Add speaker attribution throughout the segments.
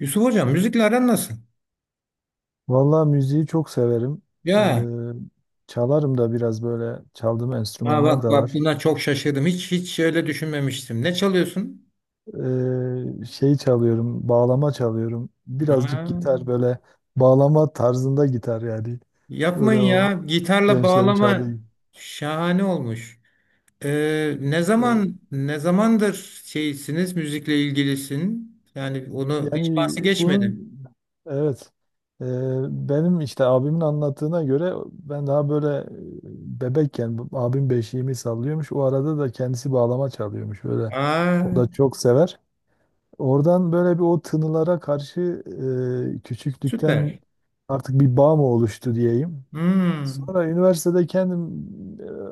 Speaker 1: Yusuf Hocam müzikle aran nasıl?
Speaker 2: Vallahi müziği çok severim.
Speaker 1: Ya.
Speaker 2: Çalarım da biraz böyle çaldığım
Speaker 1: Ha,
Speaker 2: enstrümanlar
Speaker 1: bak
Speaker 2: da
Speaker 1: bak,
Speaker 2: var.
Speaker 1: buna çok şaşırdım. Hiç öyle düşünmemiştim. Ne çalıyorsun?
Speaker 2: Şey çalıyorum, bağlama çalıyorum.
Speaker 1: Ha.
Speaker 2: Birazcık gitar böyle bağlama tarzında gitar yani.
Speaker 1: Yapmayın
Speaker 2: Böyle o
Speaker 1: ya. Gitarla
Speaker 2: gençlerin çaldığı
Speaker 1: bağlama
Speaker 2: gibi.
Speaker 1: şahane olmuş. Ee, ne
Speaker 2: Ee,
Speaker 1: zaman ne zamandır şeysiniz müzikle ilgilisin? Yani onu hiç
Speaker 2: Yani
Speaker 1: bahsi geçmedim.
Speaker 2: bunun evet. Ee, Benim işte abimin anlattığına göre ben daha böyle bebekken abim beşiğimi sallıyormuş. O arada da kendisi bağlama çalıyormuş böyle. O
Speaker 1: Aa.
Speaker 2: da çok sever. Oradan böyle bir o tınılara karşı küçüklükten
Speaker 1: Süper.
Speaker 2: artık bir bağ mı oluştu diyeyim.
Speaker 1: Hmm.
Speaker 2: Sonra üniversitede kendim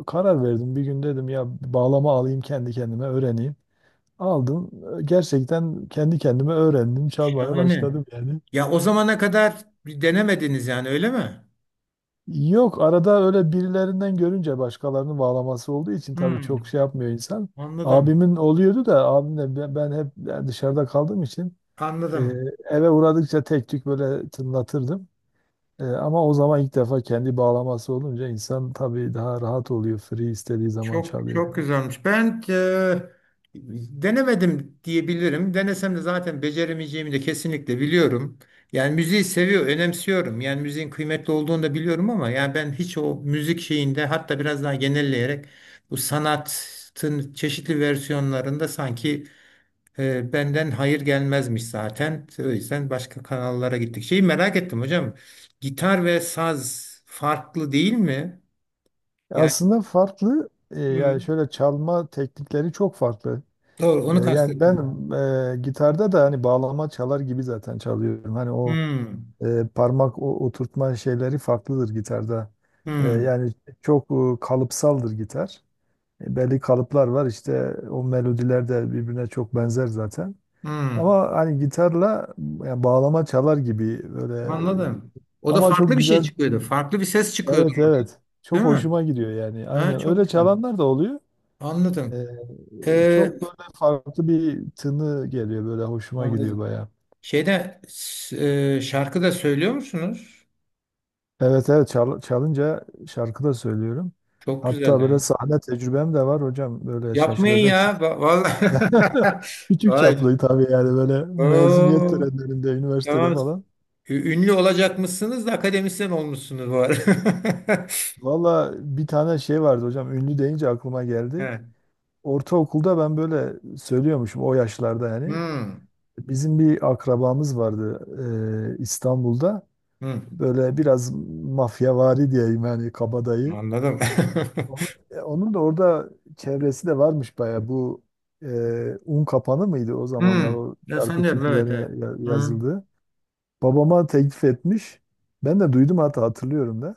Speaker 2: karar verdim. Bir gün dedim ya bağlama alayım kendi kendime öğreneyim. Aldım. Gerçekten kendi kendime öğrendim. Çalmaya
Speaker 1: Şahane.
Speaker 2: başladım yani.
Speaker 1: Ya o zamana kadar bir denemediniz yani öyle mi?
Speaker 2: Yok arada öyle birilerinden görünce başkalarının bağlaması olduğu için tabii çok
Speaker 1: Hmm,
Speaker 2: şey yapmıyor insan.
Speaker 1: anladım.
Speaker 2: Abimin oluyordu da abimle ben hep dışarıda kaldığım için e,
Speaker 1: Anladım.
Speaker 2: eve uğradıkça tek tük böyle tınlatırdım. E, ama o zaman ilk defa kendi bağlaması olunca insan tabii daha rahat oluyor. Free istediği zaman
Speaker 1: Çok
Speaker 2: çalıyor
Speaker 1: çok
Speaker 2: falan.
Speaker 1: güzelmiş. Ben denemedim diyebilirim. Denesem de zaten beceremeyeceğimi de kesinlikle biliyorum. Yani müziği seviyor, önemsiyorum. Yani müziğin kıymetli olduğunu da biliyorum ama yani ben hiç o müzik şeyinde, hatta biraz daha genelleyerek bu sanatın çeşitli versiyonlarında sanki benden hayır gelmezmiş zaten. O yüzden başka kanallara gittik. Şeyi merak ettim hocam. Gitar ve saz farklı değil mi? Yani.
Speaker 2: Aslında farklı
Speaker 1: Hı.
Speaker 2: yani şöyle çalma teknikleri çok farklı.
Speaker 1: Doğru, onu
Speaker 2: Yani ben
Speaker 1: kastettim.
Speaker 2: e, gitarda da hani bağlama çalar gibi zaten çalıyorum. Hani o
Speaker 1: Hmm,
Speaker 2: parmak oturtma şeyleri farklıdır gitarda.
Speaker 1: hmm,
Speaker 2: Yani çok kalıpsaldır gitar. E, belli kalıplar var işte o melodiler de birbirine çok benzer zaten.
Speaker 1: hmm.
Speaker 2: Ama hani gitarla yani bağlama çalar gibi böyle
Speaker 1: Anladım. O da
Speaker 2: ama çok
Speaker 1: farklı bir şey
Speaker 2: güzel.
Speaker 1: çıkıyordu. Farklı bir ses çıkıyordu
Speaker 2: Evet,
Speaker 1: orada,
Speaker 2: evet.
Speaker 1: değil
Speaker 2: Çok
Speaker 1: mi?
Speaker 2: hoşuma gidiyor yani.
Speaker 1: Ha,
Speaker 2: Aynen
Speaker 1: çok
Speaker 2: öyle
Speaker 1: iyi.
Speaker 2: çalanlar da oluyor.
Speaker 1: Anladım. Ee,
Speaker 2: Çok böyle farklı bir tını geliyor, böyle hoşuma gidiyor
Speaker 1: anladım.
Speaker 2: bayağı.
Speaker 1: Şeyde s- şarkı da söylüyor musunuz?
Speaker 2: Evet, evet, çalınca şarkı da söylüyorum.
Speaker 1: Çok güzel
Speaker 2: Hatta böyle
Speaker 1: ya.
Speaker 2: sahne tecrübem de var hocam. Böyle
Speaker 1: Yapmayın ya.
Speaker 2: şaşıracaksın.
Speaker 1: Vallahi.
Speaker 2: Küçük
Speaker 1: Ay.
Speaker 2: çaplı tabii, yani böyle mezuniyet
Speaker 1: Oo.
Speaker 2: törenlerinde üniversitede
Speaker 1: Tamam.
Speaker 2: falan.
Speaker 1: Ünlü olacakmışsınız da akademisyen olmuşsunuz bu arada.
Speaker 2: Valla bir tane şey vardı hocam, ünlü deyince aklıma geldi.
Speaker 1: He.
Speaker 2: Ortaokulda ben böyle söylüyormuşum o yaşlarda yani.
Speaker 1: Hmm,
Speaker 2: Bizim bir akrabamız vardı İstanbul'da.
Speaker 1: hmm.
Speaker 2: Böyle biraz mafyavari diyeyim, yani kabadayı.
Speaker 1: Anladım.
Speaker 2: Onun da orada çevresi de varmış baya. Bu un kapanı mıydı o zamanlar
Speaker 1: Hmm.
Speaker 2: o
Speaker 1: Ya,
Speaker 2: şarkı
Speaker 1: sanıyorum. Evet,
Speaker 2: türkülerin
Speaker 1: evet. Hmm.
Speaker 2: yazıldığı. Babama teklif etmiş. Ben de duydum, hatta hatırlıyorum da.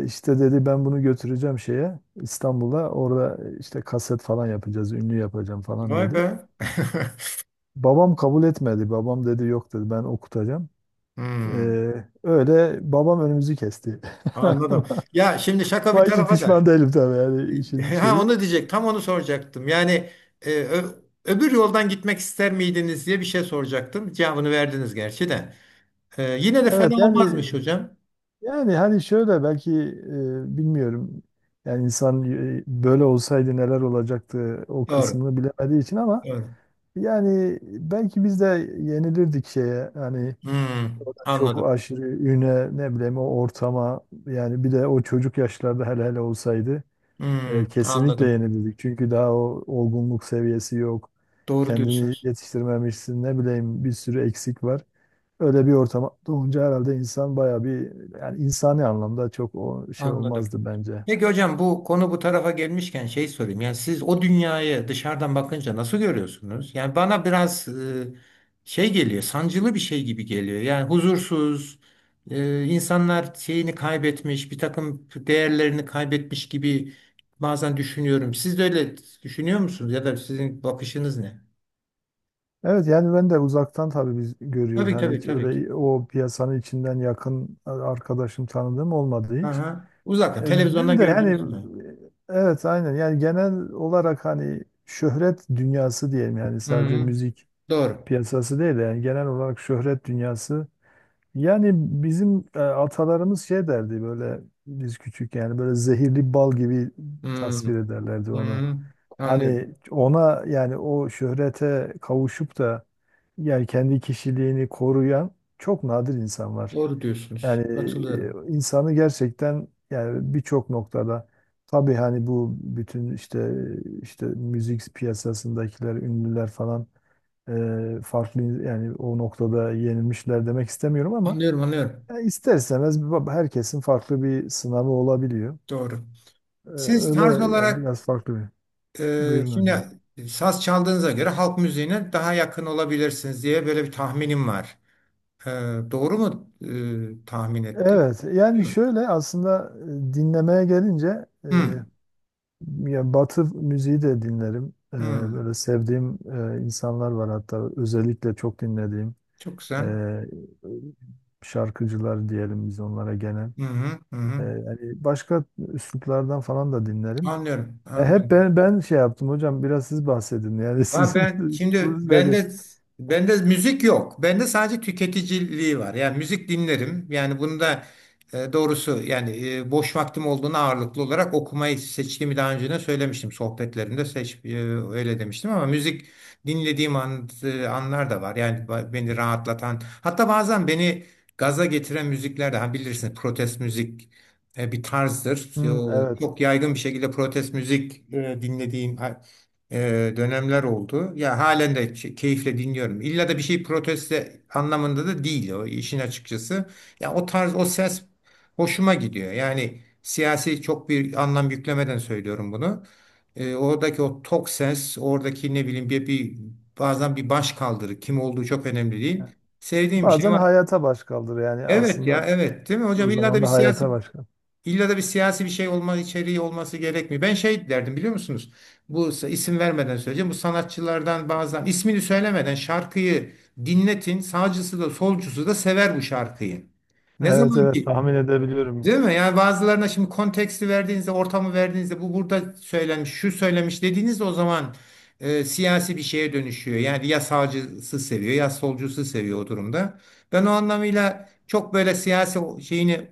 Speaker 2: E, işte dedi, ben bunu götüreceğim şeye, İstanbul'a. Orada işte kaset falan yapacağız, ünlü yapacağım falan
Speaker 1: Vay
Speaker 2: dedi.
Speaker 1: be.
Speaker 2: Babam kabul etmedi. Babam dedi yok dedi, ben okutacağım.
Speaker 1: Hmm.
Speaker 2: E, Öyle babam önümüzü kesti.
Speaker 1: Anladım. Ya şimdi şaka bir
Speaker 2: Ama hiç
Speaker 1: tarafa da.
Speaker 2: pişman değilim tabii, yani işin
Speaker 1: Ha,
Speaker 2: şeyi.
Speaker 1: onu diyecek. Tam onu soracaktım. Yani öbür yoldan gitmek ister miydiniz diye bir şey soracaktım. Cevabını verdiniz gerçi de. Yine de fena
Speaker 2: Evet
Speaker 1: olmazmış
Speaker 2: yani,
Speaker 1: hocam.
Speaker 2: yani hani şöyle belki bilmiyorum. Yani insan böyle olsaydı neler olacaktı o
Speaker 1: Doğru.
Speaker 2: kısmını bilemediği için, ama
Speaker 1: Doğru.
Speaker 2: yani belki biz de yenilirdik şeye, hani
Speaker 1: Hmm.
Speaker 2: çok
Speaker 1: Anladım.
Speaker 2: aşırı üne, ne bileyim o ortama, yani bir de o çocuk yaşlarda hele hele olsaydı
Speaker 1: Hmm.
Speaker 2: kesinlikle
Speaker 1: Anladım.
Speaker 2: yenilirdik. Çünkü daha o olgunluk seviyesi yok.
Speaker 1: Doğru
Speaker 2: Kendini
Speaker 1: diyorsunuz.
Speaker 2: yetiştirmemişsin, ne bileyim, bir sürü eksik var, öyle bir ortam doğunca herhalde insan bayağı bir, yani insani anlamda çok o şey
Speaker 1: Anladım.
Speaker 2: olmazdı bence.
Speaker 1: Peki hocam, bu konu bu tarafa gelmişken şey sorayım. Yani siz o dünyayı dışarıdan bakınca nasıl görüyorsunuz? Yani bana biraz şey geliyor, sancılı bir şey gibi geliyor. Yani huzursuz, insanlar şeyini kaybetmiş, bir takım değerlerini kaybetmiş gibi bazen düşünüyorum. Siz de öyle düşünüyor musunuz? Ya da sizin bakışınız ne?
Speaker 2: Evet yani ben de uzaktan tabii biz görüyoruz.
Speaker 1: Tabii,
Speaker 2: Hani
Speaker 1: tabii,
Speaker 2: hiç
Speaker 1: tabii ki.
Speaker 2: öyle o piyasanın içinden yakın arkadaşım, tanıdığım olmadı hiç.
Speaker 1: Aha. Uzaktan,
Speaker 2: E, Ben
Speaker 1: televizyondan
Speaker 2: de yani
Speaker 1: gördüğünüz mü?
Speaker 2: evet aynen, yani genel olarak hani şöhret dünyası diyelim, yani
Speaker 1: Hı,
Speaker 2: sadece
Speaker 1: hı.
Speaker 2: müzik
Speaker 1: Doğru.
Speaker 2: piyasası değil de yani genel olarak şöhret dünyası. Yani bizim atalarımız şey derdi böyle, biz küçük yani, böyle zehirli bal gibi
Speaker 1: Hı,
Speaker 2: tasvir ederlerdi onu.
Speaker 1: hı, anlıyorum.
Speaker 2: Hani ona, yani o şöhrete kavuşup da yani kendi kişiliğini koruyan çok nadir insan var.
Speaker 1: Doğru diyorsunuz.
Speaker 2: Yani
Speaker 1: Katılıyorum.
Speaker 2: insanı gerçekten yani birçok noktada tabii hani bu bütün işte, işte müzik piyasasındakiler, ünlüler falan farklı, yani o noktada yenilmişler demek istemiyorum ama
Speaker 1: Anlıyorum, anlıyorum.
Speaker 2: ya ister istemez bir herkesin farklı bir sınavı olabiliyor.
Speaker 1: Doğru. Siz
Speaker 2: Öyle
Speaker 1: tarz
Speaker 2: yani
Speaker 1: olarak
Speaker 2: biraz farklı bir. Buyurun
Speaker 1: şimdi
Speaker 2: hocam.
Speaker 1: saz çaldığınıza göre halk müziğine daha yakın olabilirsiniz diye böyle bir tahminim var. E, doğru mu tahmin ettim?
Speaker 2: Evet
Speaker 1: Değil
Speaker 2: yani
Speaker 1: mi?
Speaker 2: şöyle aslında dinlemeye gelince
Speaker 1: Hı,
Speaker 2: ya Batı müziği de dinlerim. E,
Speaker 1: hı.
Speaker 2: böyle sevdiğim insanlar var, hatta özellikle çok dinlediğim
Speaker 1: Çok
Speaker 2: e,
Speaker 1: güzel.
Speaker 2: şarkıcılar diyelim biz onlara gene.
Speaker 1: Hı hı, hı
Speaker 2: E,
Speaker 1: hı.
Speaker 2: yani başka üsluplardan falan da dinlerim.
Speaker 1: Anlıyorum,
Speaker 2: E, hep
Speaker 1: anlıyorum.
Speaker 2: ben şey yaptım hocam, biraz siz bahsedin yani
Speaker 1: Ha,
Speaker 2: sizin
Speaker 1: ben şimdi
Speaker 2: üslubunuz nedir?
Speaker 1: bende müzik yok. Bende sadece tüketiciliği var. Yani müzik dinlerim. Yani bunu da doğrusu yani boş vaktim olduğunda ağırlıklı olarak okumayı seçtiğimi daha önce de söylemiştim. Sohbetlerimde seç öyle demiştim ama müzik dinlediğim an, anlar da var. Yani beni rahatlatan, hatta bazen beni gaza getiren müzikler de, ha, bilirsiniz, protest müzik bir tarzdır. E,
Speaker 2: Hmm,
Speaker 1: o
Speaker 2: evet.
Speaker 1: çok yaygın bir şekilde protest müzik dinlediğim dönemler oldu. Ya halen de keyifle dinliyorum. İlla da bir şey proteste anlamında da değil o işin, açıkçası. Ya o tarz, o ses hoşuma gidiyor. Yani siyasi çok bir anlam yüklemeden söylüyorum bunu. Oradaki o tok ses, oradaki ne bileyim bir, bazen bir baş kaldırı, kim olduğu çok önemli değil. Sevdiğim bir şey
Speaker 2: Bazen
Speaker 1: var.
Speaker 2: hayata baş kaldır, yani
Speaker 1: Evet ya,
Speaker 2: aslında
Speaker 1: evet, değil mi hocam?
Speaker 2: o zaman da hayata baş kaldır.
Speaker 1: İlla da bir siyasi bir şey olma, içeriği olması gerekmiyor. Ben şey derdim, biliyor musunuz? Bu, isim vermeden söyleyeceğim. Bu sanatçılardan bazen ismini söylemeden şarkıyı dinletin. Sağcısı da solcusu da sever bu şarkıyı. Ne
Speaker 2: Evet,
Speaker 1: zaman
Speaker 2: evet,
Speaker 1: ki,
Speaker 2: tahmin edebiliyorum.
Speaker 1: değil mi? Yani bazılarına şimdi konteksti verdiğinizde, ortamı verdiğinizde, bu burada söylenmiş, şu söylemiş dediğinizde, o zaman siyasi bir şeye dönüşüyor. Yani ya sağcısı seviyor ya solcusu seviyor o durumda. Ben o anlamıyla çok böyle siyasi şeyini,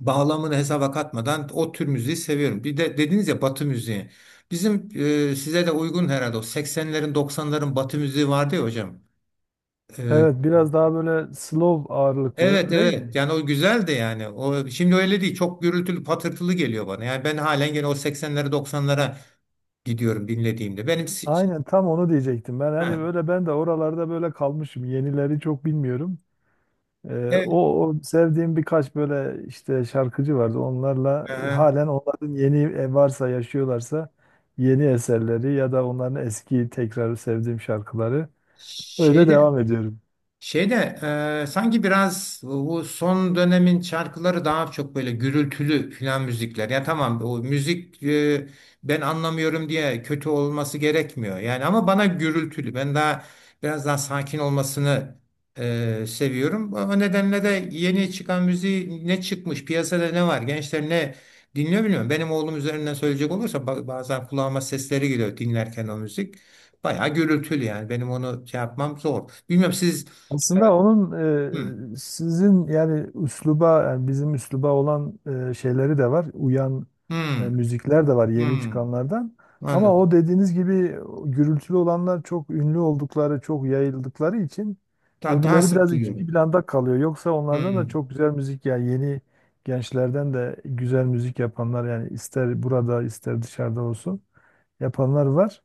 Speaker 1: bağlamını hesaba katmadan o tür müziği seviyorum. Bir de dediniz ya, Batı müziği. Bizim size de uygun herhalde, o 80'lerin, 90'ların Batı müziği vardı ya hocam. E,
Speaker 2: Evet, biraz daha böyle slow ağırlıklı
Speaker 1: evet
Speaker 2: değil
Speaker 1: evet,
Speaker 2: mi?
Speaker 1: yani o güzel de yani. O şimdi öyle değil, çok gürültülü patırtılı geliyor bana. Yani ben halen gene o 80'lere, 90'lara gidiyorum dinlediğimde.
Speaker 2: Aynen, tam onu diyecektim. Ben hani
Speaker 1: Ha,
Speaker 2: böyle ben de oralarda böyle kalmışım. Yenileri çok bilmiyorum.
Speaker 1: evet.
Speaker 2: O, o sevdiğim birkaç böyle işte şarkıcı vardı. Onlarla
Speaker 1: e,
Speaker 2: halen, onların yeni varsa, yaşıyorlarsa yeni eserleri ya da onların eski tekrar sevdiğim şarkıları, öyle
Speaker 1: şeyde
Speaker 2: devam ediyorum.
Speaker 1: Şeyde sanki biraz bu son dönemin şarkıları daha çok böyle gürültülü filan müzikler. Ya tamam, o müzik ben anlamıyorum diye kötü olması gerekmiyor. Yani ama bana gürültülü. Ben daha biraz daha sakin olmasını seviyorum. O nedenle de yeni çıkan müziği, ne çıkmış piyasada, ne var, gençler ne dinliyor bilmiyorum. Benim oğlum üzerinden söyleyecek olursa bazen kulağıma sesleri geliyor dinlerken o müzik. Bayağı gürültülü yani, benim onu şey yapmam zor. Bilmiyorum siz.
Speaker 2: Aslında onun
Speaker 1: Hı.
Speaker 2: sizin yani üsluba, yani bizim üsluba olan şeyleri de var. Uyan
Speaker 1: Hı.
Speaker 2: müzikler de var yeni
Speaker 1: Hı.
Speaker 2: çıkanlardan. Ama o
Speaker 1: Anladım.
Speaker 2: dediğiniz gibi o gürültülü olanlar çok ünlü oldukları, çok yayıldıkları için
Speaker 1: Daha, daha
Speaker 2: öbürleri
Speaker 1: sık
Speaker 2: biraz ikinci
Speaker 1: duyuyorum.
Speaker 2: planda kalıyor. Yoksa onlardan
Speaker 1: Hı.
Speaker 2: da çok güzel müzik, yani yeni gençlerden de güzel müzik yapanlar, yani ister burada ister dışarıda olsun, yapanlar var.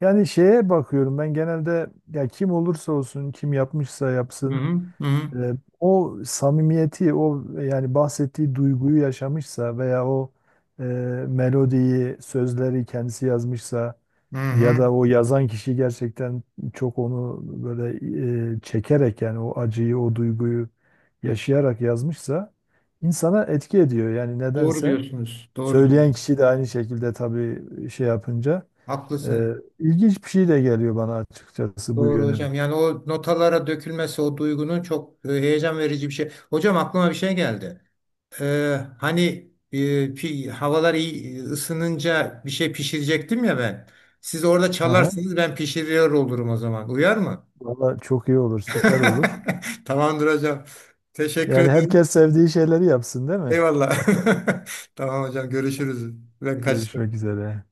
Speaker 2: Yani şeye bakıyorum ben genelde, ya kim olursa olsun, kim yapmışsa
Speaker 1: Hı
Speaker 2: yapsın
Speaker 1: hı. Hı hı.
Speaker 2: e, o samimiyeti, o yani bahsettiği duyguyu yaşamışsa veya o e, melodiyi, sözleri kendisi yazmışsa,
Speaker 1: Hı
Speaker 2: ya
Speaker 1: hı.
Speaker 2: da o yazan kişi gerçekten çok onu böyle çekerek, yani o acıyı, o duyguyu yaşayarak yazmışsa insana etki ediyor yani
Speaker 1: Doğru
Speaker 2: nedense.
Speaker 1: diyorsunuz. Doğru
Speaker 2: Söyleyen
Speaker 1: diyorsunuz.
Speaker 2: kişi de aynı şekilde tabii şey yapınca.
Speaker 1: Haklısınız.
Speaker 2: Ee, ilginç bir şey de geliyor bana açıkçası bu
Speaker 1: Doğru
Speaker 2: yönü.
Speaker 1: hocam. Yani o notalara dökülmesi o duygunun çok heyecan verici bir şey. Hocam, aklıma bir şey geldi. Hani e, havalar iyi ısınınca bir şey pişirecektim ya ben. Siz orada
Speaker 2: Hı hı.
Speaker 1: çalarsınız, ben pişiriyor olurum o zaman. Uyar mı?
Speaker 2: Valla çok iyi olur, süper olur.
Speaker 1: Tamamdır hocam. Teşekkür
Speaker 2: Yani
Speaker 1: ederim.
Speaker 2: herkes sevdiği şeyleri yapsın, değil mi?
Speaker 1: Eyvallah. Tamam hocam, görüşürüz. Ben
Speaker 2: Görüşmek
Speaker 1: kaçtım.
Speaker 2: üzere.